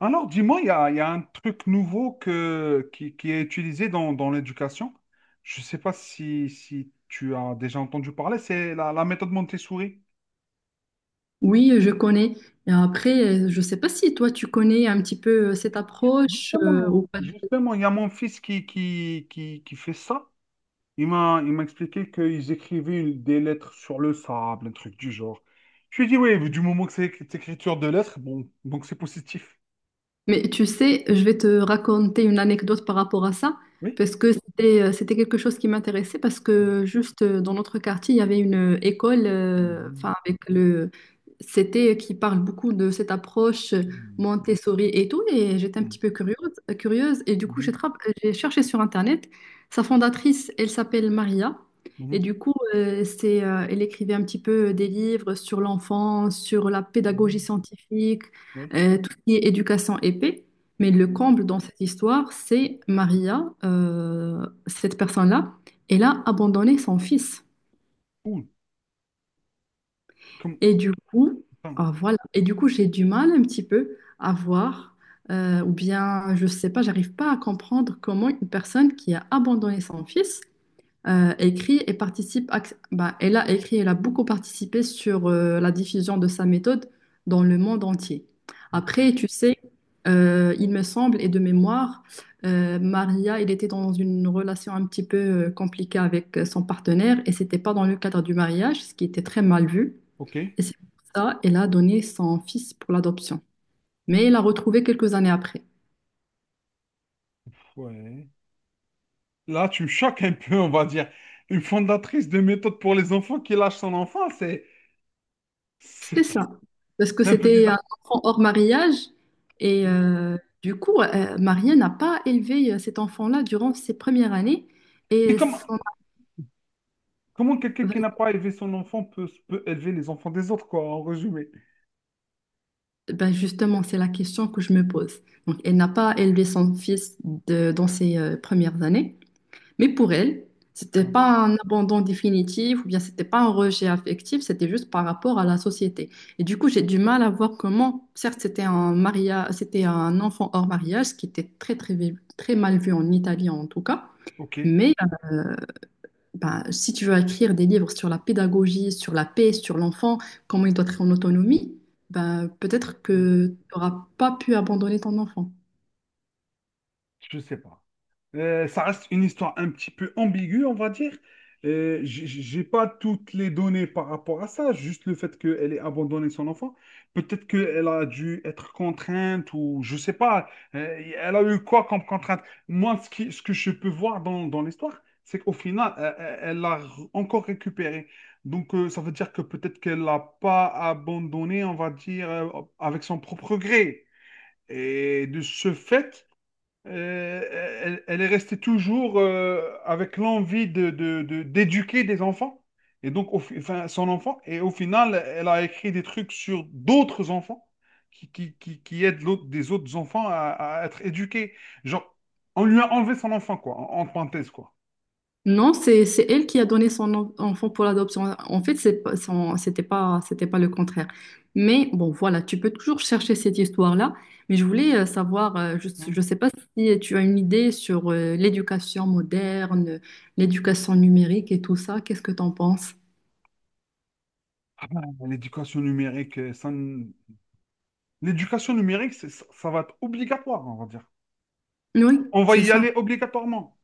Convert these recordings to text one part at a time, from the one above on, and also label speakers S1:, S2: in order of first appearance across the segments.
S1: Alors, dis-moi, il y a un truc nouveau qui est utilisé dans l'éducation. Je ne sais pas si tu as déjà entendu parler, c'est la méthode Montessori.
S2: Oui, je connais. Et après, je ne sais pas si toi, tu connais un petit peu cette approche
S1: Justement,
S2: ou pas.
S1: justement, il y a mon fils qui fait ça. Il m'a expliqué qu'ils écrivaient des lettres sur le sable, un truc du genre. Je lui ai dit, oui, mais du moment que c'est écriture de lettres, bon, donc c'est positif.
S2: Mais tu sais, je vais te raconter une anecdote par rapport à ça,
S1: Oui.
S2: parce que c'était quelque chose qui m'intéressait, parce que juste dans notre quartier, il y avait une école,
S1: Mhm,
S2: enfin avec le c'était qui parle beaucoup de cette approche
S1: mhm,
S2: Montessori et tout, et j'étais un petit peu curieuse, et du coup
S1: mhm,
S2: j'ai cherché sur Internet. Sa fondatrice, elle s'appelle Maria, et
S1: mhm,
S2: du coup c'est elle écrivait un petit peu des livres sur l'enfant, sur la pédagogie
S1: mhm.
S2: scientifique
S1: Oui.
S2: tout ce qui est éducation épée. Mais le comble dans cette histoire, c'est Maria, cette personne-là, elle a abandonné son fils.
S1: Ouh, comme-
S2: Et du coup,
S1: putain.
S2: ah, voilà. Et du coup, j'ai du mal un petit peu à voir, ou bien, je sais pas, j'arrive pas à comprendre comment une personne qui a abandonné son fils écrit et participe. Bah, elle a écrit, elle a beaucoup participé sur la diffusion de sa méthode dans le monde entier.
S1: Ok.
S2: Après, tu sais, il me semble, et de mémoire, Maria, il était dans une relation un petit peu compliquée avec son partenaire et c'était pas dans le cadre du mariage, ce qui était très mal vu.
S1: Ok.
S2: Et c'est pour ça qu'elle a donné son fils pour l'adoption. Mais il l'a retrouvé quelques années après.
S1: Ouais. Là, tu me choques un peu, on va dire. Une fondatrice de méthode pour les enfants qui lâche son enfant, c'est
S2: C'était ça.
S1: pas-
S2: Parce que
S1: c'est un peu
S2: c'était un
S1: bizarre.
S2: enfant hors mariage. Et du coup, Maria n'a pas élevé cet enfant-là durant ses premières années.
S1: Mais
S2: Et
S1: comment,
S2: son-
S1: comment quelqu'un qui n'a pas élevé son enfant peut élever les enfants des autres, quoi, en résumé?
S2: ben, justement, c'est la question que je me pose. Donc, elle n'a pas élevé son fils dans ses premières années. Mais pour elle, c'était
S1: Hein.
S2: pas un abandon définitif ou bien c'était pas un rejet affectif, c'était juste par rapport à la société. Et du coup, j'ai du mal à voir comment, certes, c'était un mariage, c'était un enfant hors mariage, ce qui était très, très, très mal vu en Italie en tout cas.
S1: Ok.
S2: Mais euh, ben, si tu veux écrire des livres sur la pédagogie, sur la paix, sur l'enfant, comment il doit être en autonomie, ben, peut-être
S1: Hmm.
S2: que tu n'auras pas pu abandonner ton enfant.
S1: Je sais pas. Ça reste une histoire un petit peu ambiguë, on va dire. J'ai pas toutes les données par rapport à ça, juste le fait qu'elle ait abandonné son enfant. Peut-être qu'elle a dû être contrainte ou je sais pas. Elle a eu quoi comme contrainte? Moi, ce que je peux voir dans l'histoire, c'est qu'au final, elle l'a encore récupéré. Donc, ça veut dire que peut-être qu'elle l'a pas abandonné, on va dire, avec son propre gré. Et de ce fait, euh, elle est restée toujours avec l'envie d'éduquer des enfants. Et donc, enfin, son enfant. Et au final, elle a écrit des trucs sur d'autres enfants qui aident des autres enfants à être éduqués. Genre, on lui a enlevé son enfant, quoi, en parenthèse, quoi.
S2: Non, c'est elle qui a donné son enfant pour l'adoption. En fait, c'était pas le contraire. Mais bon, voilà, tu peux toujours chercher cette histoire-là. Mais je voulais savoir, je
S1: Hmm.
S2: je sais pas si tu as une idée sur l'éducation moderne, l'éducation numérique et tout ça. Qu'est-ce que tu en penses?
S1: Ah ben, l'éducation numérique, ça ne- l'éducation numérique, ça va être obligatoire, on va dire.
S2: Oui,
S1: On va
S2: c'est
S1: y
S2: ça.
S1: aller obligatoirement.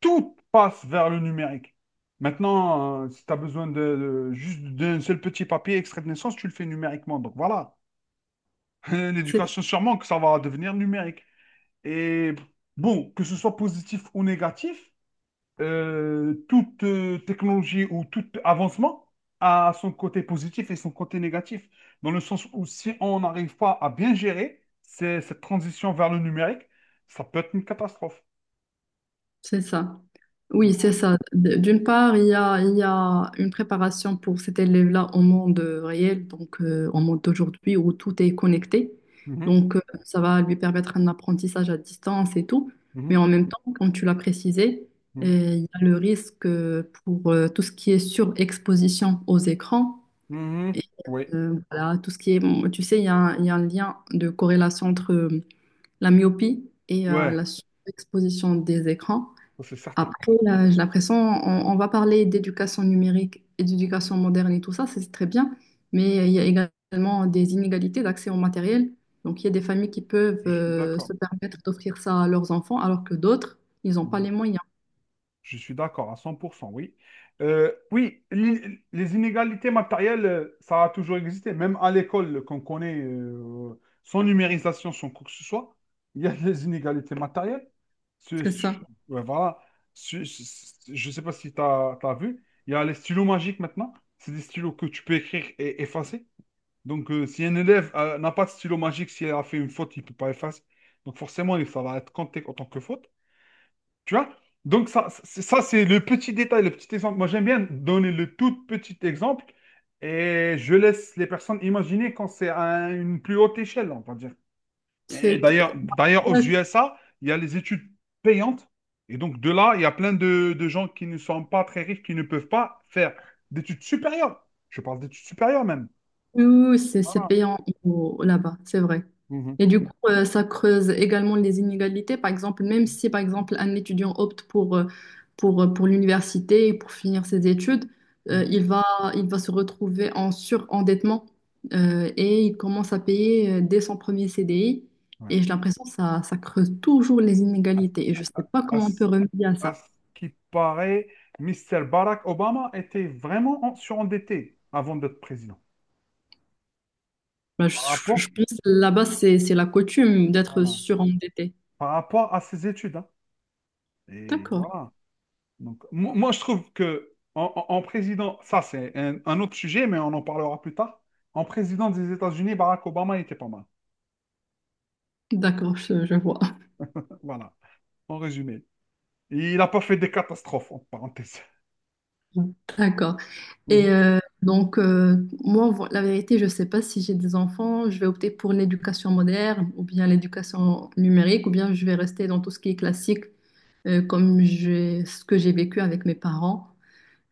S1: Tout passe vers le numérique. Maintenant, si tu as besoin juste d'un seul petit papier extrait de naissance, tu le fais numériquement. Donc voilà, l'éducation sûrement que ça va devenir numérique. Et bon, que ce soit positif ou négatif, toute technologie ou tout avancement a son côté positif et son côté négatif. Dans le sens où si on n'arrive pas à bien gérer cette transition vers le numérique, ça peut être une catastrophe.
S2: C'est ça. Oui, c'est
S1: Mhm,
S2: ça. D'une part, il y a une préparation pour cet élève-là au monde réel, donc au monde d'aujourd'hui où tout est connecté. Donc, ça va lui permettre un apprentissage à distance et tout.
S1: mhm,
S2: Mais en même temps, comme tu l'as précisé,
S1: mhm,
S2: il y a le risque pour tout ce qui est surexposition aux écrans.
S1: mhm,
S2: Et
S1: mhm. Oui.
S2: voilà, tout ce qui est, bon, tu sais, il y a un lien de corrélation entre la myopie et
S1: Ouais,
S2: la surexposition des écrans.
S1: ça, c'est certain.
S2: Après, là, j'ai l'impression, on va parler d'éducation numérique et d'éducation moderne et tout ça, c'est très bien, mais il y a également des inégalités d'accès au matériel. Donc, il y a des familles qui peuvent
S1: Je suis d'accord.
S2: se permettre d'offrir ça à leurs enfants, alors que d'autres, ils n'ont pas
S1: Mhm.
S2: les moyens.
S1: Je suis d'accord à 100%, oui. Oui, les inégalités matérielles, ça a toujours existé. Même à l'école qu'on connaît, sans numérisation, sans quoi que ce soit, il y a des inégalités matérielles. Ce-
S2: C'est
S1: ce-
S2: ça.
S1: ouais, voilà. Je ne sais pas si tu as vu. Il y a les stylos magiques maintenant. C'est des stylos que tu peux écrire et effacer. Donc, si un élève n'a pas de stylo magique, si elle a fait une faute, il ne peut pas effacer. Donc, forcément, ça va être compté en tant que faute. Tu vois? Donc, ça, c'est le petit détail, le petit exemple. Moi, j'aime bien donner le tout petit exemple et je laisse les personnes imaginer quand c'est à une plus haute échelle, on va dire. Et
S2: C'est tout-
S1: d'ailleurs, aux USA, il y a les études payantes. Et donc, de là, il y a plein de gens qui ne sont pas très riches, qui ne peuvent pas faire d'études supérieures. Je parle d'études supérieures même.
S2: Oui, oui, oui, c'est
S1: Voilà.
S2: payant là-bas, c'est vrai.
S1: Mhm.
S2: Et du coup, ça creuse également les inégalités. Par exemple, même si, par exemple, un étudiant opte pour, pour l'université et pour finir ses études, euh,
S1: Mhm.
S2: il va, il va se retrouver en surendettement et il commence à payer dès son premier CDI.
S1: Ouais.
S2: Et j'ai l'impression que ça creuse toujours les
S1: À,
S2: inégalités. Et je ne sais pas comment on peut
S1: ce
S2: remédier à
S1: à
S2: ça.
S1: ce qui paraît, Mr. Barack Obama était vraiment surendetté avant d'être président.
S2: Bah,
S1: Par rapport,
S2: je pense que là-bas, c'est la coutume d'être
S1: voilà,
S2: surendetté.
S1: par rapport à ses études, hein. Et
S2: D'accord,
S1: voilà. Donc, moi, je trouve que en président, ça c'est un autre sujet, mais on en parlera plus tard. En président des États-Unis, Barack Obama était pas mal.
S2: d'accord, je vois.
S1: Voilà, en résumé. Il n'a pas fait des catastrophes, en parenthèse.
S2: D'accord. Et
S1: Mhm.
S2: donc, moi, la vérité, je ne sais pas si j'ai des enfants, je vais opter pour l'éducation moderne ou bien l'éducation numérique ou bien je vais rester dans tout ce qui est classique ce que j'ai vécu avec mes parents.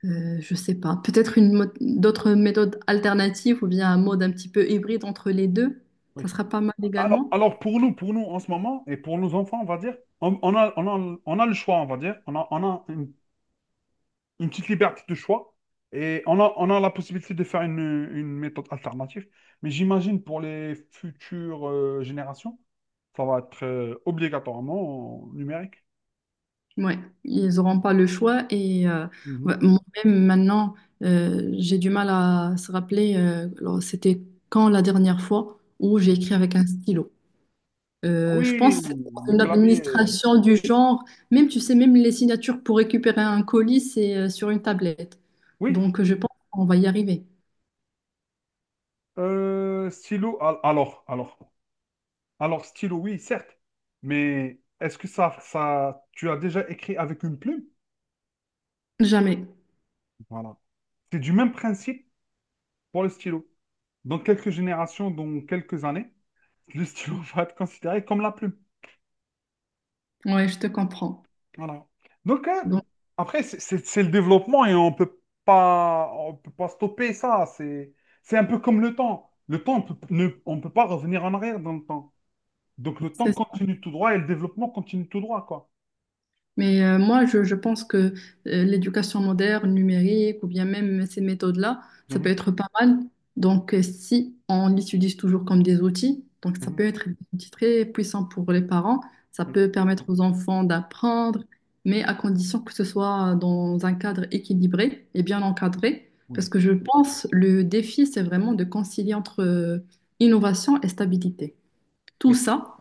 S2: Je ne sais pas. Peut-être une d'autres méthodes alternatives ou bien un mode un petit peu hybride entre les deux. Ça
S1: Oui.
S2: sera pas mal
S1: Alors,
S2: également.
S1: alors pour nous en ce moment, et pour nos enfants, on va dire, on, on a, on on a le choix, on va dire. On a une petite liberté de choix et on a la possibilité de faire une méthode alternative. Mais j'imagine pour les futures générations, ça va être obligatoirement numérique.
S2: Ouais, ils n'auront pas le choix et
S1: Mhm.
S2: ouais, moi-même maintenant, j'ai du mal à se rappeler, alors, c'était quand la dernière fois où j'ai écrit avec un stylo. Je
S1: Oui,
S2: pense que c'est
S1: le
S2: une
S1: clavier.
S2: administration du genre, même tu sais, même les signatures pour récupérer un colis, c'est sur une tablette.
S1: Oui,
S2: Donc je pense qu'on va y arriver.
S1: stylo. Alors, stylo, oui, certes. Mais est-ce que ça, tu as déjà écrit avec une plume?
S2: Jamais.
S1: Voilà. C'est du même principe pour le stylo. Dans quelques générations, dans quelques années, le stylo va être considéré comme la plume.
S2: Ouais, je te comprends.
S1: Voilà. Donc, hein,
S2: Donc
S1: après, c'est le développement et on peut pas stopper ça. C'est un peu comme le temps. Le temps, on peut pas revenir en arrière dans le temps. Donc, le temps
S2: c'est ça.
S1: continue tout droit et le développement continue tout droit, quoi.
S2: Mais moi, je pense que l'éducation moderne, numérique, ou bien même ces méthodes-là, ça peut
S1: Mhm,
S2: être pas mal. Donc, si on les utilise toujours comme des outils, donc ça
S1: mhm,
S2: peut être des outils très puissants pour les parents, ça
S1: oui,
S2: peut permettre aux enfants d'apprendre, mais à condition que ce soit dans un cadre équilibré et bien encadré. Parce
S1: oui,
S2: que je pense le défi, c'est vraiment de concilier entre innovation et stabilité. Tout
S1: oui.
S2: ça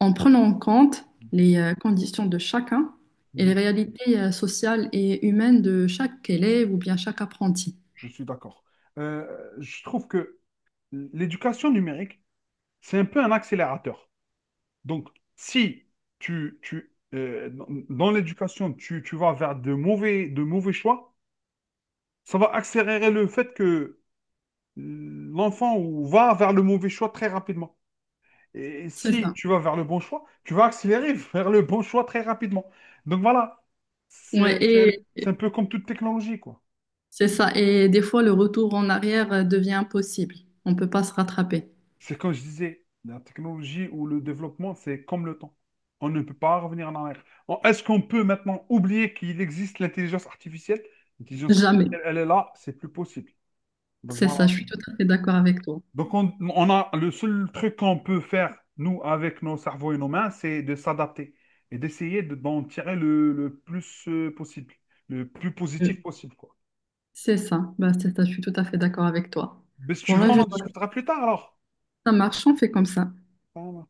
S2: en prenant en compte les conditions de chacun et les
S1: Mhm,
S2: réalités sociales et humaines de chaque élève ou bien chaque apprenti.
S1: je suis d'accord. Je trouve que l'éducation numérique, c'est un peu un accélérateur. Donc, si tu dans l'éducation, tu vas vers de mauvais choix, ça va accélérer le fait que l'enfant ou va vers le mauvais choix très rapidement. Et
S2: C'est
S1: si
S2: ça.
S1: tu vas vers le bon choix, tu vas accélérer vers le bon choix très rapidement. Donc voilà,
S2: Ouais,
S1: c'est c'est un,
S2: et
S1: c'est un peu comme toute technologie, quoi.
S2: c'est ça. Et des fois, le retour en arrière devient impossible. On ne peut pas se rattraper.
S1: C'est comme je disais, la technologie ou le développement, c'est comme le temps. On ne peut pas revenir en arrière. Est-ce qu'on peut maintenant oublier qu'il existe l'intelligence artificielle? L'intelligence
S2: Jamais.
S1: artificielle, elle est là, c'est plus possible. Donc
S2: C'est
S1: voilà.
S2: ça, je suis tout à fait d'accord avec toi.
S1: Donc on a le seul truc qu'on peut faire, nous, avec nos cerveaux et nos mains, c'est de s'adapter et d'essayer d'en tirer le plus possible, le plus
S2: Euh,
S1: positif possible, quoi.
S2: C'est ça. Bah, c'est ça, je suis tout à fait d'accord avec toi.
S1: Mais si tu
S2: Bon,
S1: veux,
S2: là,
S1: on
S2: je...
S1: en
S2: dois...
S1: discutera plus tard alors.
S2: ça marche, on fait comme ça.
S1: Enfin,